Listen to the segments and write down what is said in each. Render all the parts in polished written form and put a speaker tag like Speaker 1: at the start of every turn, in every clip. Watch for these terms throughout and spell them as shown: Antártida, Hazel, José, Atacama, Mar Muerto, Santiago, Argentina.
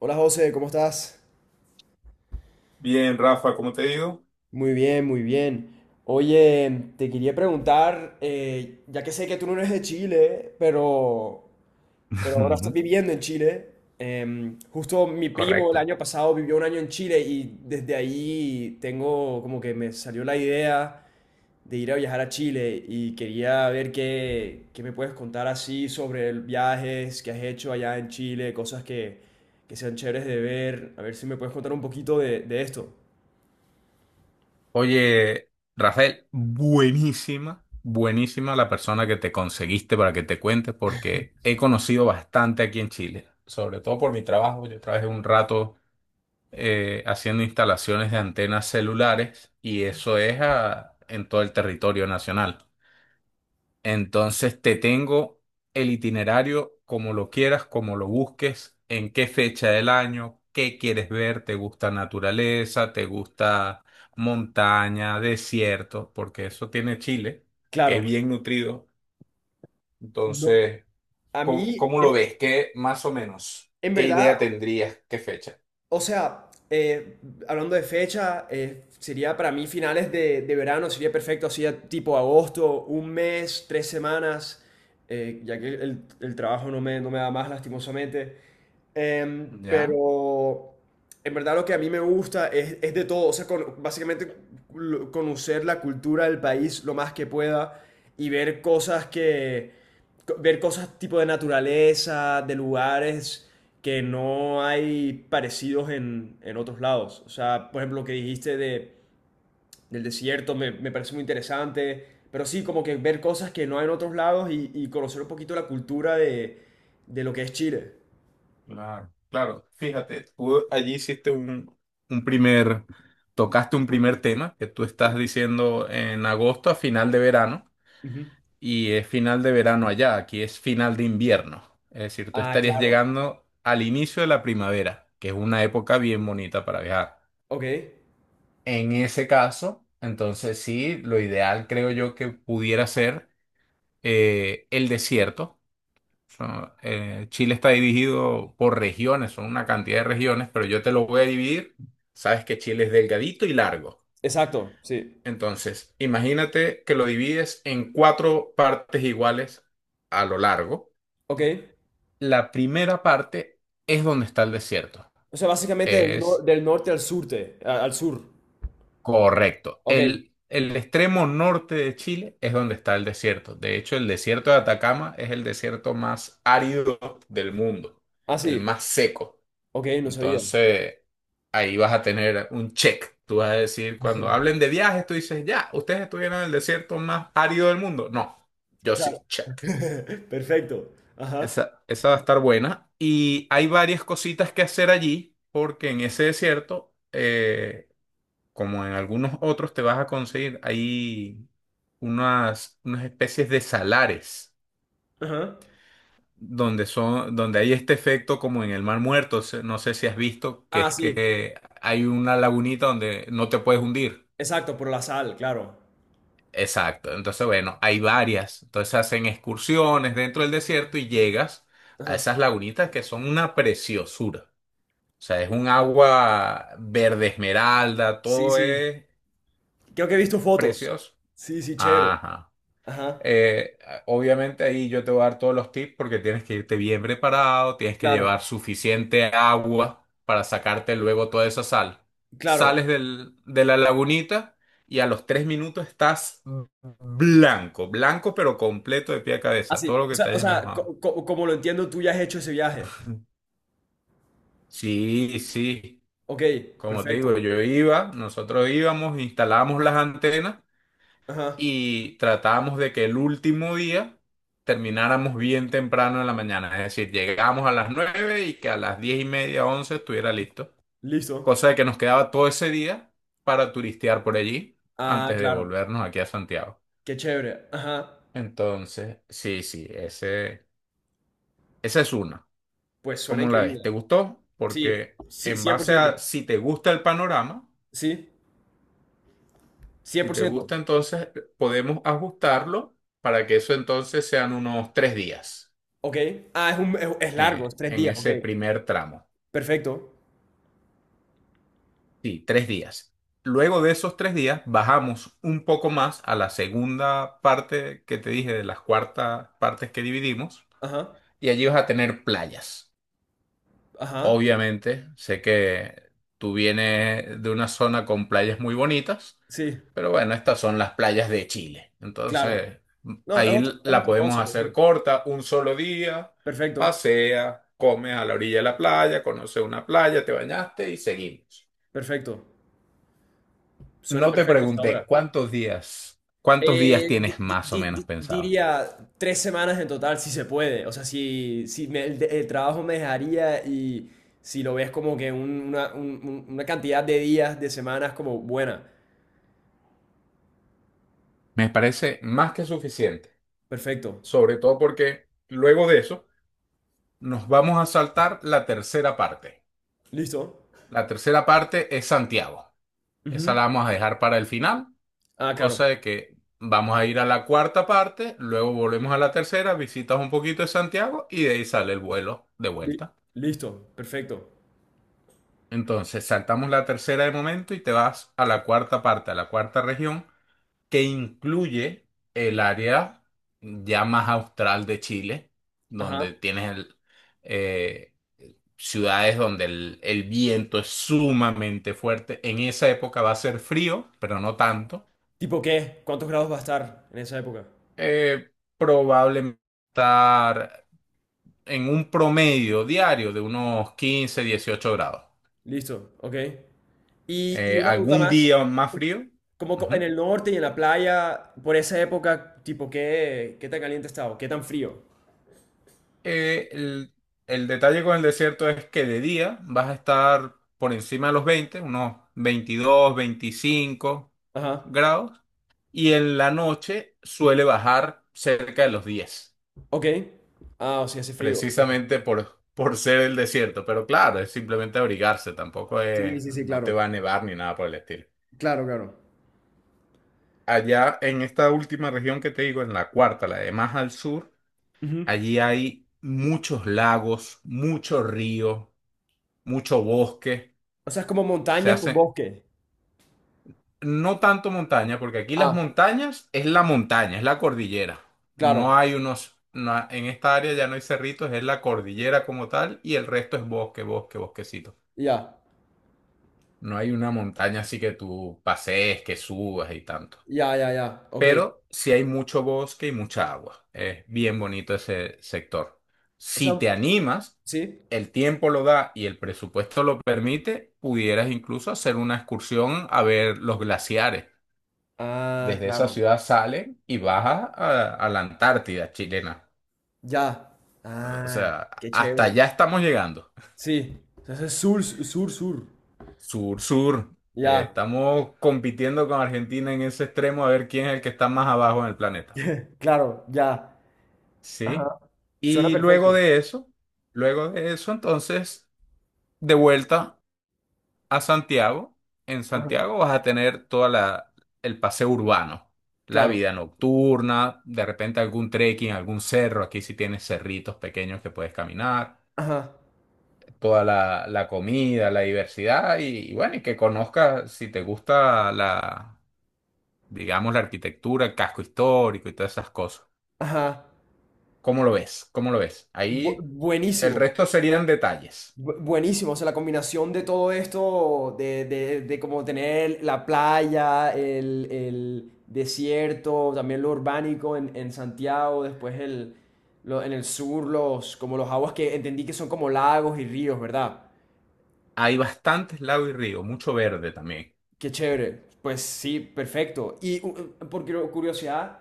Speaker 1: Hola José, ¿cómo estás?
Speaker 2: Bien, Rafa, ¿cómo te digo?
Speaker 1: Muy bien, muy bien. Oye, te quería preguntar, ya que sé que tú no eres de Chile, pero ahora estás
Speaker 2: Ujú.
Speaker 1: viviendo en Chile. Justo mi primo el
Speaker 2: Correcto.
Speaker 1: año pasado vivió un año en Chile y desde ahí tengo como que me salió la idea de ir a viajar a Chile y quería ver qué, qué me puedes contar así sobre viajes que has hecho allá en Chile, cosas que sean chéveres de ver. A ver si me puedes contar un poquito de esto.
Speaker 2: Oye, Rafael, buenísima, buenísima la persona que te conseguiste para que te cuente, porque he conocido bastante aquí en Chile, sobre todo por mi trabajo. Yo trabajé un rato haciendo instalaciones de antenas celulares y eso es en todo el territorio nacional. Entonces te tengo el itinerario como lo quieras, como lo busques, en qué fecha del año, qué quieres ver, te gusta naturaleza, te gusta montaña, desierto, porque eso tiene Chile, que
Speaker 1: Claro,
Speaker 2: es bien nutrido.
Speaker 1: no,
Speaker 2: Entonces,
Speaker 1: a
Speaker 2: ¿cómo,
Speaker 1: mí,
Speaker 2: cómo lo ves? ¿Qué más o menos?
Speaker 1: en
Speaker 2: ¿Qué
Speaker 1: verdad,
Speaker 2: idea tendrías? ¿Qué fecha?
Speaker 1: o sea, hablando de fecha, sería para mí finales de verano, sería perfecto, así a tipo agosto, un mes, tres semanas, ya que el trabajo no me, no me da más, lastimosamente.
Speaker 2: ¿Ya?
Speaker 1: Pero en verdad lo que a mí me gusta es de todo, o sea, básicamente conocer la cultura del país lo más que pueda y ver cosas que, ver cosas tipo de naturaleza, de lugares que no hay parecidos en otros lados. O sea, por ejemplo, lo que dijiste de, del desierto me, me parece muy interesante, pero sí, como que ver cosas que no hay en otros lados y conocer un poquito la cultura de lo que es Chile.
Speaker 2: Claro, claro, fíjate, tú allí hiciste un primer, tocaste un primer tema que tú estás diciendo en agosto a final de verano,
Speaker 1: Ujú.
Speaker 2: y es final de verano allá, aquí es final de invierno, es decir, tú
Speaker 1: Ah,
Speaker 2: estarías
Speaker 1: claro.
Speaker 2: llegando al inicio de la primavera, que es una época bien bonita para viajar.
Speaker 1: Ok,
Speaker 2: En ese caso, entonces sí, lo ideal creo yo que pudiera ser el desierto. Chile está dividido por regiones, son una cantidad de regiones, pero yo te lo voy a dividir. Sabes que Chile es delgadito y largo.
Speaker 1: exacto, sí.
Speaker 2: Entonces, imagínate que lo divides en cuatro partes iguales a lo largo.
Speaker 1: Ok.
Speaker 2: La primera parte es donde está el desierto.
Speaker 1: O sea, básicamente del,
Speaker 2: Es
Speaker 1: del norte al surte, al sur.
Speaker 2: correcto.
Speaker 1: Ok.
Speaker 2: El extremo norte de Chile es donde está el desierto. De hecho, el desierto de Atacama es el desierto más árido del mundo,
Speaker 1: Ah,
Speaker 2: el
Speaker 1: sí.
Speaker 2: más seco.
Speaker 1: Ok, no sabía.
Speaker 2: Entonces, ahí vas a tener un check. Tú vas a decir, cuando hablen de viajes, tú dices, ya, ¿ustedes estuvieron en el desierto más árido del mundo? No, yo
Speaker 1: Claro.
Speaker 2: sí, check.
Speaker 1: Perfecto. Ajá.
Speaker 2: Esa va a estar buena. Y hay varias cositas que hacer allí, porque en ese desierto, como en algunos otros, te vas a conseguir ahí unas especies de salares,
Speaker 1: Ajá.
Speaker 2: donde son, donde hay este efecto como en el Mar Muerto, no sé si has visto, que
Speaker 1: Ah,
Speaker 2: es
Speaker 1: sí.
Speaker 2: que hay una lagunita donde no te puedes hundir.
Speaker 1: Exacto, por la sal, claro.
Speaker 2: Exacto, entonces bueno, hay varias, entonces hacen excursiones dentro del desierto y llegas a
Speaker 1: Ajá.
Speaker 2: esas lagunitas que son una preciosura. O sea, es un agua verde esmeralda,
Speaker 1: Sí,
Speaker 2: todo
Speaker 1: sí.
Speaker 2: es
Speaker 1: Creo que he visto fotos.
Speaker 2: precioso.
Speaker 1: Sí, sí, chévere.
Speaker 2: Ajá.
Speaker 1: Ajá.
Speaker 2: Eh, obviamente ahí yo te voy a dar todos los tips porque tienes que irte bien preparado, tienes que
Speaker 1: Claro,
Speaker 2: llevar suficiente agua para sacarte luego toda esa sal.
Speaker 1: claro.
Speaker 2: Sales de la lagunita y a los 3 minutos estás blanco, blanco pero completo de pie a cabeza,
Speaker 1: Así.
Speaker 2: todo lo que te
Speaker 1: O
Speaker 2: hayas
Speaker 1: sea,
Speaker 2: mojado.
Speaker 1: como lo entiendo, tú ya has hecho ese viaje.
Speaker 2: Sí, sí,
Speaker 1: Ok,
Speaker 2: como te
Speaker 1: perfecto.
Speaker 2: digo, yo iba, nosotros íbamos, instalábamos las antenas
Speaker 1: Ajá.
Speaker 2: y tratábamos de que el último día termináramos bien temprano en la mañana, es decir, llegábamos a las 9 y que a las 10:30, 11 estuviera listo,
Speaker 1: Listo.
Speaker 2: cosa de que nos quedaba todo ese día para turistear por allí
Speaker 1: Ah,
Speaker 2: antes de
Speaker 1: claro.
Speaker 2: volvernos aquí a Santiago.
Speaker 1: Qué chévere. Ajá.
Speaker 2: Entonces, sí, sí, esa es una.
Speaker 1: Pues suena
Speaker 2: ¿Cómo la
Speaker 1: increíble.
Speaker 2: ves? ¿Te gustó?
Speaker 1: Sí,
Speaker 2: Porque
Speaker 1: sí,
Speaker 2: en
Speaker 1: cien por
Speaker 2: base
Speaker 1: ciento,
Speaker 2: a si te gusta el panorama,
Speaker 1: Sí, cien
Speaker 2: si
Speaker 1: por
Speaker 2: te
Speaker 1: ciento.
Speaker 2: gusta, entonces podemos ajustarlo para que eso entonces sean unos 3 días
Speaker 1: Ok. Ah, es, un, es largo, es
Speaker 2: eh,
Speaker 1: tres
Speaker 2: en
Speaker 1: días. Ok.
Speaker 2: ese primer tramo.
Speaker 1: Perfecto.
Speaker 2: Sí, 3 días. Luego de esos 3 días bajamos un poco más a la segunda parte que te dije de las cuartas partes que dividimos,
Speaker 1: Ajá.
Speaker 2: y allí vas a tener playas.
Speaker 1: Ajá.
Speaker 2: Obviamente, sé que tú vienes de una zona con playas muy bonitas,
Speaker 1: Sí,
Speaker 2: pero bueno, estas son las playas de Chile.
Speaker 1: claro.
Speaker 2: Entonces,
Speaker 1: No,
Speaker 2: ahí
Speaker 1: es
Speaker 2: la
Speaker 1: otra
Speaker 2: podemos
Speaker 1: cosa, me
Speaker 2: hacer
Speaker 1: imagino.
Speaker 2: corta, un solo día,
Speaker 1: Perfecto.
Speaker 2: pasea, comes a la orilla de la playa, conoces una playa, te bañaste y seguimos.
Speaker 1: Perfecto. Suena
Speaker 2: No te
Speaker 1: perfecto hasta
Speaker 2: pregunté
Speaker 1: ahora.
Speaker 2: cuántos días tienes más o menos pensado.
Speaker 1: Diría tres semanas en total, si se puede. O sea, si, el trabajo me dejaría y si lo ves como que una, una cantidad de días, de semanas como buena.
Speaker 2: Me parece más que suficiente,
Speaker 1: Perfecto.
Speaker 2: sobre todo porque luego de eso nos vamos a saltar la tercera parte.
Speaker 1: ¿Listo?
Speaker 2: La tercera parte es Santiago. Esa
Speaker 1: Ujú.
Speaker 2: la vamos a dejar para el final,
Speaker 1: Ah, claro.
Speaker 2: cosa de que vamos a ir a la cuarta parte, luego volvemos a la tercera, visitas un poquito de Santiago y de ahí sale el vuelo de
Speaker 1: Li-
Speaker 2: vuelta.
Speaker 1: Listo. Perfecto.
Speaker 2: Entonces saltamos la tercera de momento y te vas a la cuarta parte, a la cuarta región, que incluye el área ya más austral de Chile,
Speaker 1: Ajá.
Speaker 2: donde tienes eh, ciudades donde el viento es sumamente fuerte. En esa época va a ser frío, pero no tanto.
Speaker 1: ¿Tipo qué? ¿Cuántos grados va a estar en esa época?
Speaker 2: Eh, probablemente estar en un promedio diario de unos 15, 18 grados.
Speaker 1: Listo. Ok. Y una pregunta
Speaker 2: Algún
Speaker 1: más.
Speaker 2: día más frío.
Speaker 1: Como en
Speaker 2: Ujú.
Speaker 1: el norte y en la playa, por esa época, ¿tipo qué, qué tan caliente estaba? ¿Qué tan frío?
Speaker 2: Eh, el, el detalle con el desierto es que de día vas a estar por encima de los 20, unos 22, 25
Speaker 1: Ajá.
Speaker 2: grados, y en la noche suele bajar cerca de los 10.
Speaker 1: Ok. Ah, o sea, hace frío.
Speaker 2: Precisamente por ser el desierto. Pero claro, es simplemente abrigarse, tampoco
Speaker 1: Sí,
Speaker 2: es,
Speaker 1: sí, sí,
Speaker 2: no te
Speaker 1: claro.
Speaker 2: va a nevar ni nada por el estilo.
Speaker 1: Claro, claro.
Speaker 2: Allá en esta última región que te digo, en la cuarta, la de más al sur,
Speaker 1: Ujú.
Speaker 2: allí hay muchos lagos, muchos ríos, mucho bosque.
Speaker 1: O sea, es como
Speaker 2: Se
Speaker 1: montañas con
Speaker 2: hace
Speaker 1: bosque.
Speaker 2: no tanto montaña, porque aquí las
Speaker 1: Ah,
Speaker 2: montañas es la montaña, es la cordillera.
Speaker 1: claro.
Speaker 2: No hay unos. En esta área ya no hay cerritos, es la cordillera como tal y el resto es bosque, bosque, bosquecito.
Speaker 1: Ya.
Speaker 2: No hay una montaña así que tú pasees, que subas y tanto.
Speaker 1: Ya, ya, ya. Ok.
Speaker 2: Pero sí hay mucho bosque y mucha agua. Es bien bonito ese sector.
Speaker 1: O sea,
Speaker 2: Si te animas,
Speaker 1: ¿sí?
Speaker 2: el tiempo lo da y el presupuesto lo permite, pudieras incluso hacer una excursión a ver los glaciares.
Speaker 1: Ah,
Speaker 2: Desde esa
Speaker 1: claro.
Speaker 2: ciudad salen y baja a la Antártida chilena.
Speaker 1: Ya.
Speaker 2: O
Speaker 1: Ah,
Speaker 2: sea,
Speaker 1: qué
Speaker 2: hasta
Speaker 1: chévere.
Speaker 2: allá estamos llegando.
Speaker 1: Sí. Entonces es sur, sur, sur.
Speaker 2: Sur, sur.
Speaker 1: Ya.
Speaker 2: Estamos compitiendo con Argentina en ese extremo a ver quién es el que está más abajo en el planeta.
Speaker 1: Claro, ya. Ajá.
Speaker 2: ¿Sí?
Speaker 1: Suena
Speaker 2: Y luego
Speaker 1: perfecto.
Speaker 2: de eso, luego de eso, entonces, de vuelta a Santiago. En
Speaker 1: Ajá.
Speaker 2: Santiago vas a tener el paseo urbano, la
Speaker 1: Claro.
Speaker 2: vida nocturna, de repente algún trekking, algún cerro. Aquí sí tienes cerritos pequeños que puedes caminar,
Speaker 1: Ajá.
Speaker 2: toda la comida, la diversidad, y bueno, y que conozcas si te gusta la, digamos, la arquitectura, el casco histórico y todas esas cosas.
Speaker 1: Ajá.
Speaker 2: ¿Cómo lo ves? ¿Cómo lo ves? Ahí el
Speaker 1: Buenísimo.
Speaker 2: resto serían detalles.
Speaker 1: Buenísimo. O sea, la combinación de todo esto, de como tener la playa, el desierto, también lo urbánico en Santiago, después el, en el sur, los, como los aguas que entendí que son como lagos y ríos, ¿verdad?
Speaker 2: Hay bastantes lagos y ríos, mucho verde también,
Speaker 1: Qué chévere. Pues sí, perfecto. Y por curiosidad,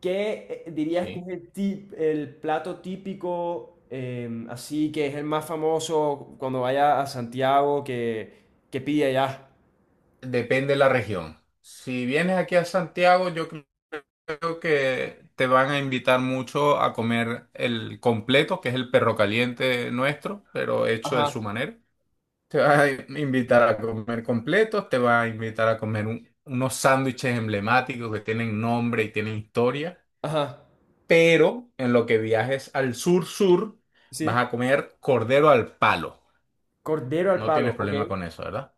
Speaker 1: ¿qué dirías que es
Speaker 2: ¿sí?
Speaker 1: el, el plato típico, así que es el más famoso cuando vaya a Santiago que pide allá?
Speaker 2: Depende de la región. Si vienes aquí a Santiago, yo creo que te van a invitar mucho a comer el completo, que es el perro caliente nuestro, pero hecho de
Speaker 1: Ajá,
Speaker 2: su manera. Te va a invitar a comer completos, te va a invitar a comer unos sándwiches emblemáticos que tienen nombre y tienen historia,
Speaker 1: ajá,
Speaker 2: pero en lo que viajes al sur-sur vas
Speaker 1: sí.
Speaker 2: a comer cordero al palo.
Speaker 1: Cordero al
Speaker 2: No
Speaker 1: palo,
Speaker 2: tienes
Speaker 1: ok.
Speaker 2: problema con eso, ¿verdad?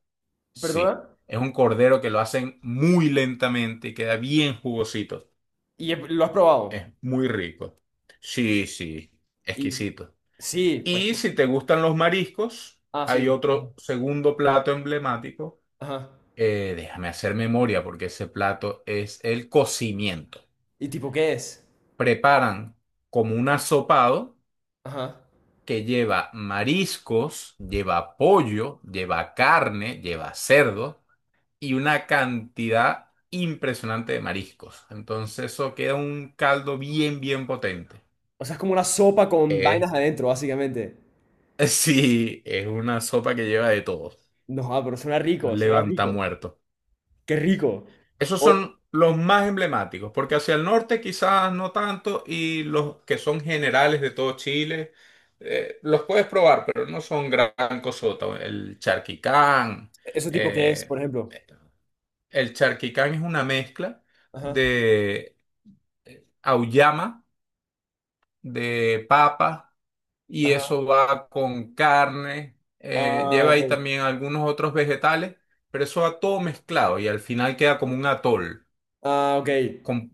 Speaker 1: ¿Perdona?
Speaker 2: Sí, es un cordero que lo hacen muy lentamente y queda bien jugosito.
Speaker 1: ¿Y lo has
Speaker 2: Es
Speaker 1: probado?
Speaker 2: muy rico. Sí, sí,
Speaker 1: Y
Speaker 2: exquisito.
Speaker 1: sí, pues.
Speaker 2: Y si te gustan los mariscos,
Speaker 1: Ah, sí,
Speaker 2: hay otro segundo plato emblemático.
Speaker 1: ajá.
Speaker 2: Déjame hacer memoria porque ese plato es el cocimiento.
Speaker 1: ¿Y tipo qué es?
Speaker 2: Preparan como un asopado
Speaker 1: Ajá.
Speaker 2: que lleva mariscos, lleva pollo, lleva carne, lleva cerdo y una cantidad impresionante de mariscos. Entonces eso queda un caldo bien, bien potente.
Speaker 1: O sea, es como una sopa con vainas
Speaker 2: Eh,
Speaker 1: adentro, básicamente.
Speaker 2: sí, es una sopa que lleva de todo.
Speaker 1: No, ah, pero suena rico, suena
Speaker 2: Levanta
Speaker 1: rico.
Speaker 2: muerto.
Speaker 1: Qué rico.
Speaker 2: Esos
Speaker 1: O-
Speaker 2: son los más emblemáticos, porque hacia el norte quizás no tanto, y los que son generales de todo Chile, los puedes probar, pero no son gran cosota.
Speaker 1: ¿Eso tipo qué es,
Speaker 2: Eh,
Speaker 1: por ejemplo?
Speaker 2: el charquicán es una mezcla
Speaker 1: Ajá,
Speaker 2: de auyama, de papa, y
Speaker 1: ajá.
Speaker 2: eso va con carne,
Speaker 1: Ah,
Speaker 2: lleva
Speaker 1: ok.
Speaker 2: ahí también algunos otros vegetales, pero eso va todo mezclado y al final queda como un atol,
Speaker 1: Ah, ok.
Speaker 2: con,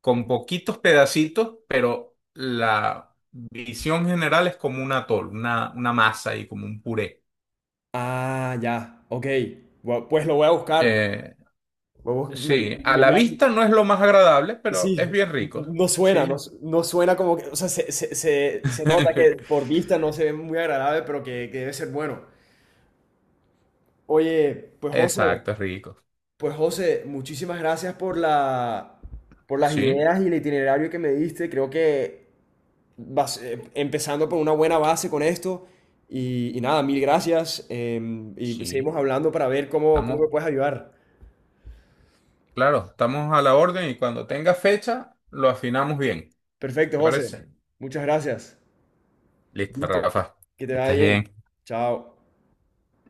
Speaker 2: con poquitos pedacitos, pero la visión general es como un atol, una masa y como un puré.
Speaker 1: Ah, ya. Ok. Gua- Pues lo voy a buscar.
Speaker 2: Eh,
Speaker 1: Voy a bus- me-
Speaker 2: sí, a
Speaker 1: me-
Speaker 2: la
Speaker 1: me-
Speaker 2: vista no es lo más agradable, pero es
Speaker 1: sí,
Speaker 2: bien rico.
Speaker 1: no suena, no,
Speaker 2: Sí.
Speaker 1: no suena como que, o sea, se, se nota que por vista no se ve muy agradable, pero que debe ser bueno. Oye, pues José,
Speaker 2: Exacto, es rico.
Speaker 1: pues José, muchísimas gracias por la, por las
Speaker 2: Sí,
Speaker 1: ideas y el itinerario que me diste. Creo que empezando por una buena base con esto. Y nada, mil gracias. Y seguimos
Speaker 2: sí.
Speaker 1: hablando para ver cómo, cómo me
Speaker 2: Estamos,
Speaker 1: puedes ayudar.
Speaker 2: claro, estamos a la orden y cuando tenga fecha lo afinamos bien.
Speaker 1: Perfecto,
Speaker 2: ¿Te
Speaker 1: José.
Speaker 2: parece?
Speaker 1: Muchas gracias.
Speaker 2: Listo,
Speaker 1: Listo.
Speaker 2: Rafa.
Speaker 1: Que te vaya
Speaker 2: Estés
Speaker 1: bien.
Speaker 2: bien.
Speaker 1: Chao.